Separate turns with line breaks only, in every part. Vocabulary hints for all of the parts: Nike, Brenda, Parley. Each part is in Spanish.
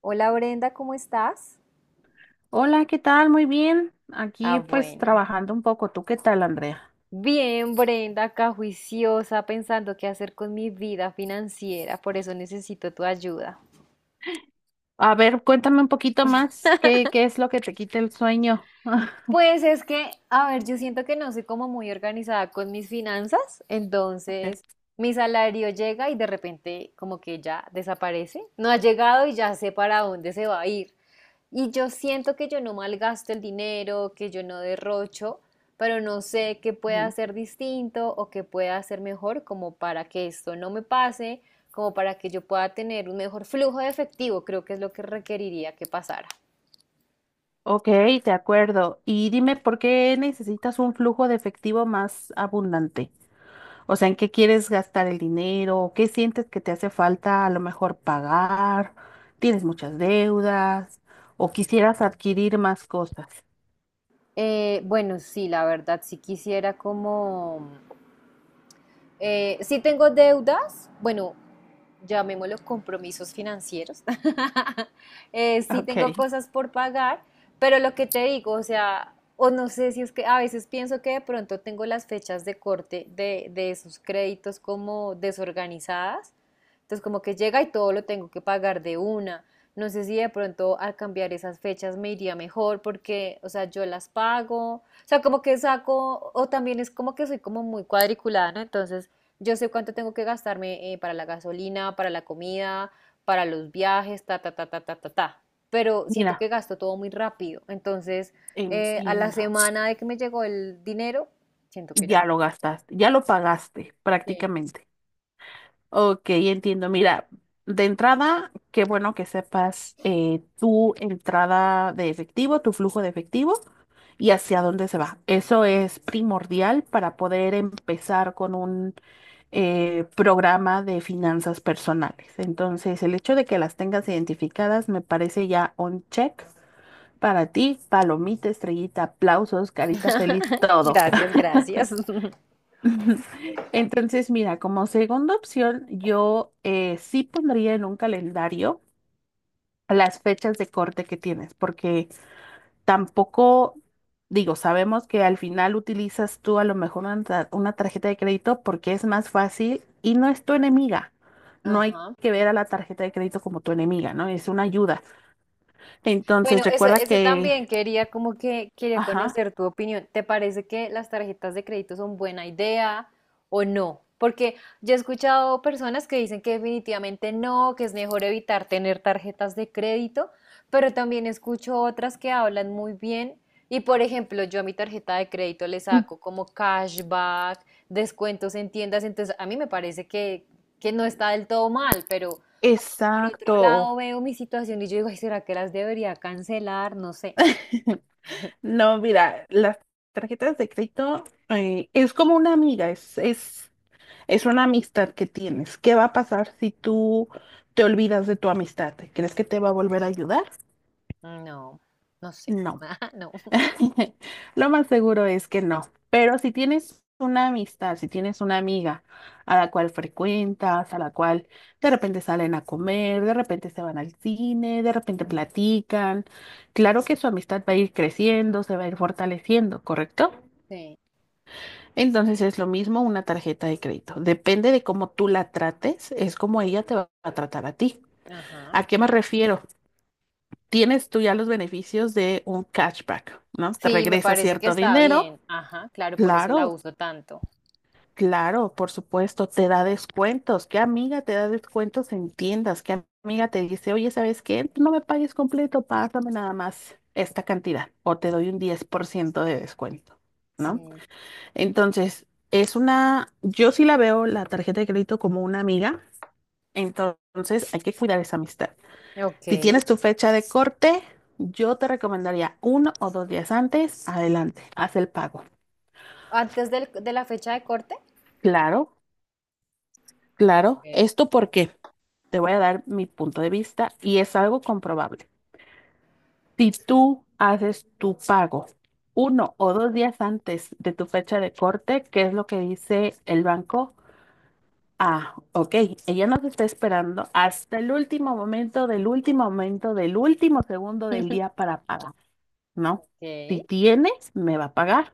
Hola Brenda, ¿cómo estás?
Hola, ¿qué tal? Muy bien.
Ah,
Aquí pues
bueno.
trabajando un poco. ¿Tú qué tal, Andrea?
Bien, Brenda, acá juiciosa, pensando qué hacer con mi vida financiera, por eso necesito tu ayuda.
A ver, cuéntame un poquito más. ¿Qué es lo que te quita el sueño?
Pues es que, a ver, yo siento que no soy como muy organizada con mis finanzas, entonces
Ok.
mi salario llega y de repente como que ya desaparece, no ha llegado y ya sé para dónde se va a ir. Y yo siento que yo no malgasto el dinero, que yo no derrocho, pero no sé qué pueda
Ujú.
hacer distinto o qué pueda hacer mejor como para que esto no me pase, como para que yo pueda tener un mejor flujo de efectivo, creo que es lo que requeriría que pasara.
Ok, de acuerdo. Y dime, ¿por qué necesitas un flujo de efectivo más abundante? O sea, ¿en qué quieres gastar el dinero? ¿Qué sientes que te hace falta a lo mejor pagar? ¿Tienes muchas deudas? ¿O quisieras adquirir más cosas?
Bueno, sí, la verdad, sí quisiera como. Sí tengo deudas, bueno, llamémoslo compromisos financieros. Sí tengo
Ok,
cosas por pagar, pero lo que te digo, o sea, o no sé si es que a veces pienso que de pronto tengo las fechas de corte de esos créditos como desorganizadas. Entonces como que llega y todo lo tengo que pagar de una. No sé si de pronto al cambiar esas fechas me iría mejor porque, o sea, yo las pago. O sea, como que saco, o también es como que soy como muy cuadriculada, ¿no? Entonces yo sé cuánto tengo que gastarme para la gasolina, para la comida, para los viajes, ta, ta, ta, ta, ta, ta, ta. Pero siento que
mira,
gasto todo muy rápido. Entonces, a la
entiendo.
semana de que me llegó el dinero, siento que ya.
Ya lo gastaste, ya lo
No. Ajá,
pagaste
sí,
prácticamente. Ok, entiendo. Mira, de entrada, qué bueno que sepas tu entrada de efectivo, tu flujo de efectivo y hacia
sí.
dónde se va. Eso es primordial para poder empezar con un programa de finanzas personales. Entonces, el hecho de que las tengas identificadas me parece ya un check para ti, palomita, estrellita, aplausos, carita feliz, todo.
Gracias, gracias.
Entonces, mira, como segunda opción, yo sí pondría en un calendario las fechas de corte que tienes, porque tampoco, digo, sabemos que al final utilizas tú a lo mejor una, una tarjeta de crédito porque es más fácil y no es tu enemiga. No hay
Ajá.
que ver a la tarjeta de crédito como tu enemiga, ¿no? Es una ayuda. Entonces,
Bueno, eso,
recuerda
eso
que,
también quería como que quería
ajá,
conocer tu opinión. ¿Te parece que las tarjetas de crédito son buena idea o no? Porque yo he escuchado personas que dicen que definitivamente no, que es mejor evitar tener tarjetas de crédito, pero también escucho otras que hablan muy bien. Y por ejemplo, yo a mi tarjeta de crédito le saco como cashback, descuentos en tiendas, entonces a mí me parece que no está del todo mal, pero. Por otro lado,
exacto.
veo mi situación y yo digo, ay, ¿será que las debería cancelar? No sé.
No, mira, las tarjetas de crédito es como una amiga, es una amistad que tienes. ¿Qué va a pasar si tú te olvidas de tu amistad? ¿Crees que te va a volver a ayudar?
No, no sé.
No.
Ajá, no.
Lo más seguro es que no. Pero si tienes una amistad, si tienes una amiga a la cual frecuentas, a la cual de repente salen a comer, de repente se van al cine, de repente platican, claro que su amistad va a ir creciendo, se va a ir fortaleciendo, ¿correcto?
Sí,
Entonces es lo mismo una tarjeta de crédito. Depende de cómo tú la trates, es como ella te va a tratar a ti.
ajá.
¿A qué me refiero? Tienes tú ya los beneficios de un cashback, ¿no? Te
Sí, me
regresa
parece que
cierto
está
dinero.
bien. Ajá, claro, por eso la
Claro,
uso tanto.
claro, por supuesto, te da descuentos. ¿Qué amiga te da descuentos en tiendas? ¿Qué amiga te dice, oye, ¿sabes qué? No me pagues completo, pásame nada más esta cantidad o te doy un 10% de descuento, ¿no?
Sí.
Entonces, es una, yo sí la veo la tarjeta de crédito como una amiga, entonces hay que cuidar esa amistad.
Ok.
Si tienes tu fecha de corte, yo te recomendaría 1 o 2 días antes, adelante, haz el pago.
¿Antes del- de la fecha de corte?
Claro, claro,
Ok.
esto porque te voy a dar mi punto de vista y es algo comprobable. Si tú haces tu pago 1 o 2 días antes de tu fecha de corte, ¿que es lo que dice el banco? Ah, ok. Ella nos está esperando hasta el último momento, del último momento, del último segundo del día para pagar, ¿no? Si
Ok.
tienes, me va a pagar.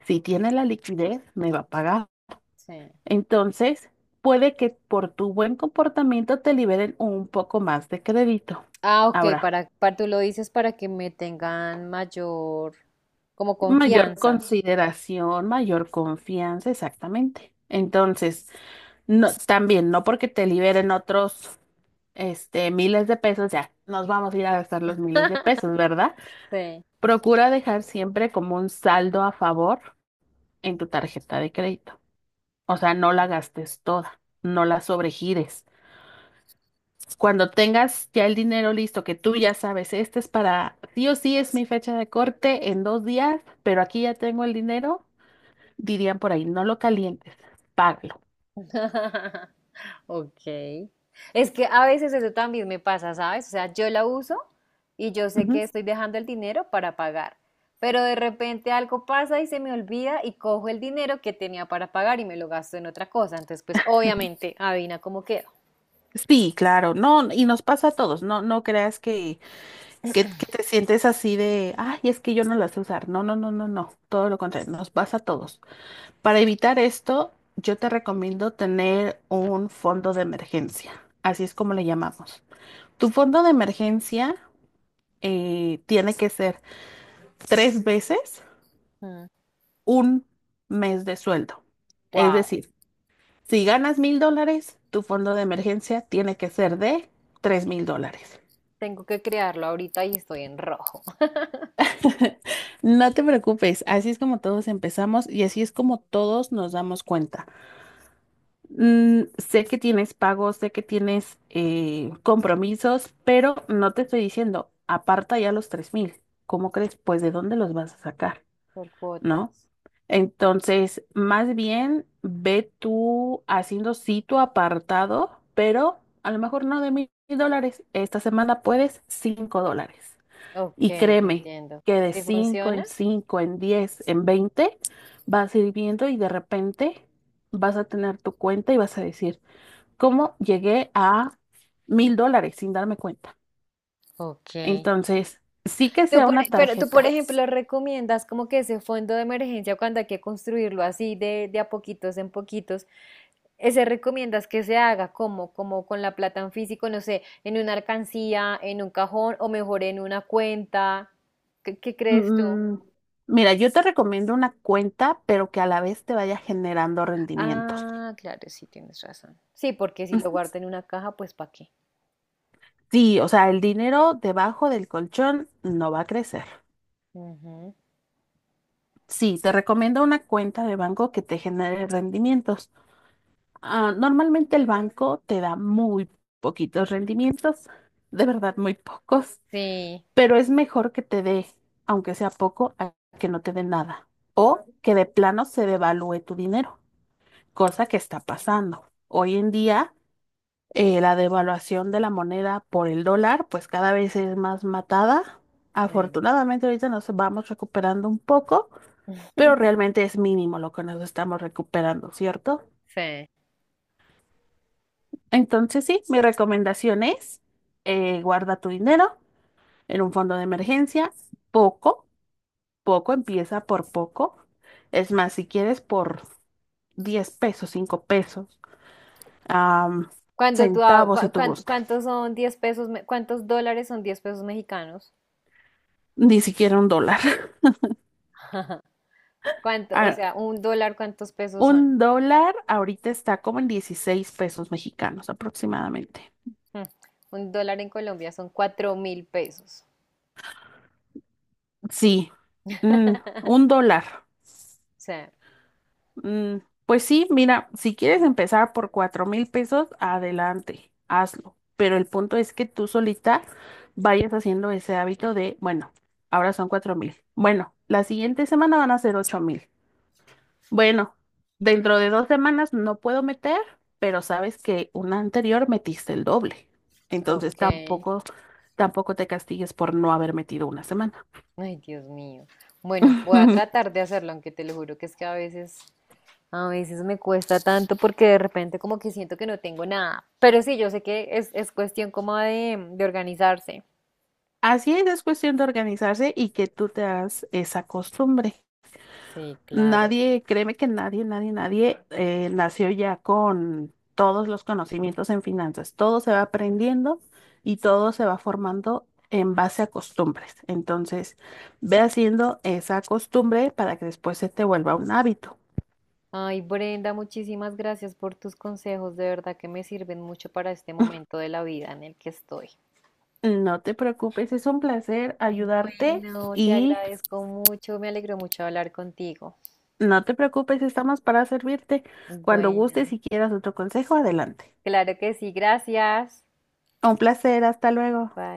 Si tiene la liquidez, me va a pagar.
Sí.
Entonces, puede que por tu buen comportamiento te liberen un poco más de crédito.
Ah, ok,
Ahora
para tú lo dices para que me tengan mayor como
mayor
confianza.
consideración, mayor confianza, exactamente. Entonces, no, también, no porque te liberen otros. Este, miles de pesos, ya nos vamos a ir a gastar los miles de pesos, ¿verdad?
Sí.
Procura dejar siempre como un saldo a favor en tu tarjeta de crédito. O sea, no la
Ok.
gastes toda, no la sobregires. Cuando tengas ya el dinero listo, que tú ya sabes, este es para, sí o sí es mi fecha de corte en 2 días, pero aquí ya tengo el dinero, dirían por ahí, no lo calientes, págalo.
Ok. Es que a veces eso también me pasa, ¿sabes? O sea, yo la uso y yo sé
Ujú.
que estoy dejando el dinero para pagar, pero de repente algo pasa y se me olvida y cojo el dinero que tenía para pagar y me lo gasto en otra cosa. Entonces, pues obviamente, adivina cómo quedo.
Sí, claro, no, y nos pasa a todos, no, no creas que que te sientes así de, ay, es que yo no la sé usar. No, no, no, no, no. Todo lo contrario, nos pasa a todos. Para evitar esto, yo te recomiendo tener un fondo de emergencia. Así es como le llamamos. Tu fondo de emergencia tiene que ser 3 veces un mes de sueldo. Es
Wow,
decir, si ganas $1,000, tu fondo de emergencia tiene que ser de $3,000.
tengo que crearlo ahorita y estoy en rojo.
No te preocupes, así es como todos empezamos y así es como todos nos damos cuenta. Sé que tienes pagos, sé que tienes compromisos, pero no te estoy diciendo, aparta ya los 3,000. ¿Cómo crees? Pues de dónde los vas a sacar,
Por
¿no?
cuotas.
Entonces, más bien ve tú haciendo sí tu apartado, pero a lo mejor no de $1,000. Esta semana puedes $5.
Ok,
Y
te
créeme
entiendo.
que de
¿Sí
5
funciona?
en 5 en 10 en 20 vas a ir viendo y de repente vas a tener tu cuenta y vas a decir, ¿cómo llegué a $1,000 sin darme cuenta?
Ok.
Entonces, sí que
Tú
sea
por,
una
e- pero tú, por
tarjeta.
ejemplo, recomiendas como que ese fondo de emergencia cuando hay que construirlo así de a poquitos en poquitos, ese recomiendas que se haga como, como con la plata en físico, no sé, en una alcancía, en un cajón o mejor en una cuenta. ¿Qué, qué crees tú?
Mm, mira, yo te recomiendo una cuenta, pero que a la vez te vaya generando rendimientos.
Ah, claro, sí, tienes razón. Sí, porque si lo guardo
Ujú.
en una caja, pues ¿para qué?
Sí, o sea, el dinero debajo del colchón no va a crecer.
Ujú.
Sí, te recomiendo una cuenta de banco que te genere rendimientos. Ah, normalmente el banco te da muy poquitos rendimientos, de verdad muy pocos,
Sí,
pero es mejor que te dé, aunque sea poco, a que no te dé nada. O que de plano se devalúe tu dinero, cosa que está pasando. Hoy en día, la devaluación de la moneda por el dólar, pues cada vez es más matada.
sí,
Afortunadamente ahorita nos vamos recuperando un poco, pero realmente es mínimo lo que nos estamos recuperando, ¿cierto?
sí.
Entonces, sí, mi recomendación es guarda tu dinero en un fondo de emergencia, poco, poco, empieza por poco. Es más, si quieres por 10 pesos, 5 pesos, am,
Cuando tú, ha-
centavos si
cua-
tú
cuan-
gustas,
¿cuántos son 10 pesos, cuántos dólares son 10 pesos mexicanos?
ni siquiera un dólar.
¿Cuánto? O
Ah,
sea, un dólar, ¿cuántos pesos son?
un dólar ahorita está como en 16 pesos mexicanos aproximadamente.
Hmm, Un dólar en Colombia son 4.000 pesos.
Sí, mm, un dólar.
O sea,
Mm, pues sí, mira, si quieres empezar por 4,000 pesos, adelante, hazlo. Pero el punto es que tú solita vayas haciendo ese hábito de, bueno, ahora son 4,000. Bueno, la siguiente semana van a ser 8,000. Bueno, dentro de 2 semanas no puedo meter, pero sabes que una anterior metiste el doble. Entonces
ok.
tampoco te castigues por no haber metido una semana.
Ay, Dios mío. Bueno, voy a tratar de hacerlo, aunque te lo juro que es que a veces me cuesta tanto porque de repente como que siento que no tengo nada. Pero sí, yo sé que es cuestión como de organizarse.
Así es cuestión de organizarse y que tú te hagas esa costumbre.
Sí, claro.
Nadie, créeme que nadie, nadie, nadie nació ya con todos los conocimientos en finanzas. Todo se va aprendiendo y todo se va formando en base a costumbres. Entonces, ve haciendo esa costumbre para que después se te vuelva un hábito.
Ay, Brenda, muchísimas gracias por tus consejos. De verdad que me sirven mucho para este momento de la vida en el que estoy.
No te preocupes, es un placer ayudarte
Bueno, te
y
agradezco mucho, me alegro mucho hablar contigo.
no te preocupes, estamos para servirte. Cuando
Bueno,
gustes y quieras otro consejo, adelante.
claro que sí, gracias.
Un placer, hasta luego.
Bye.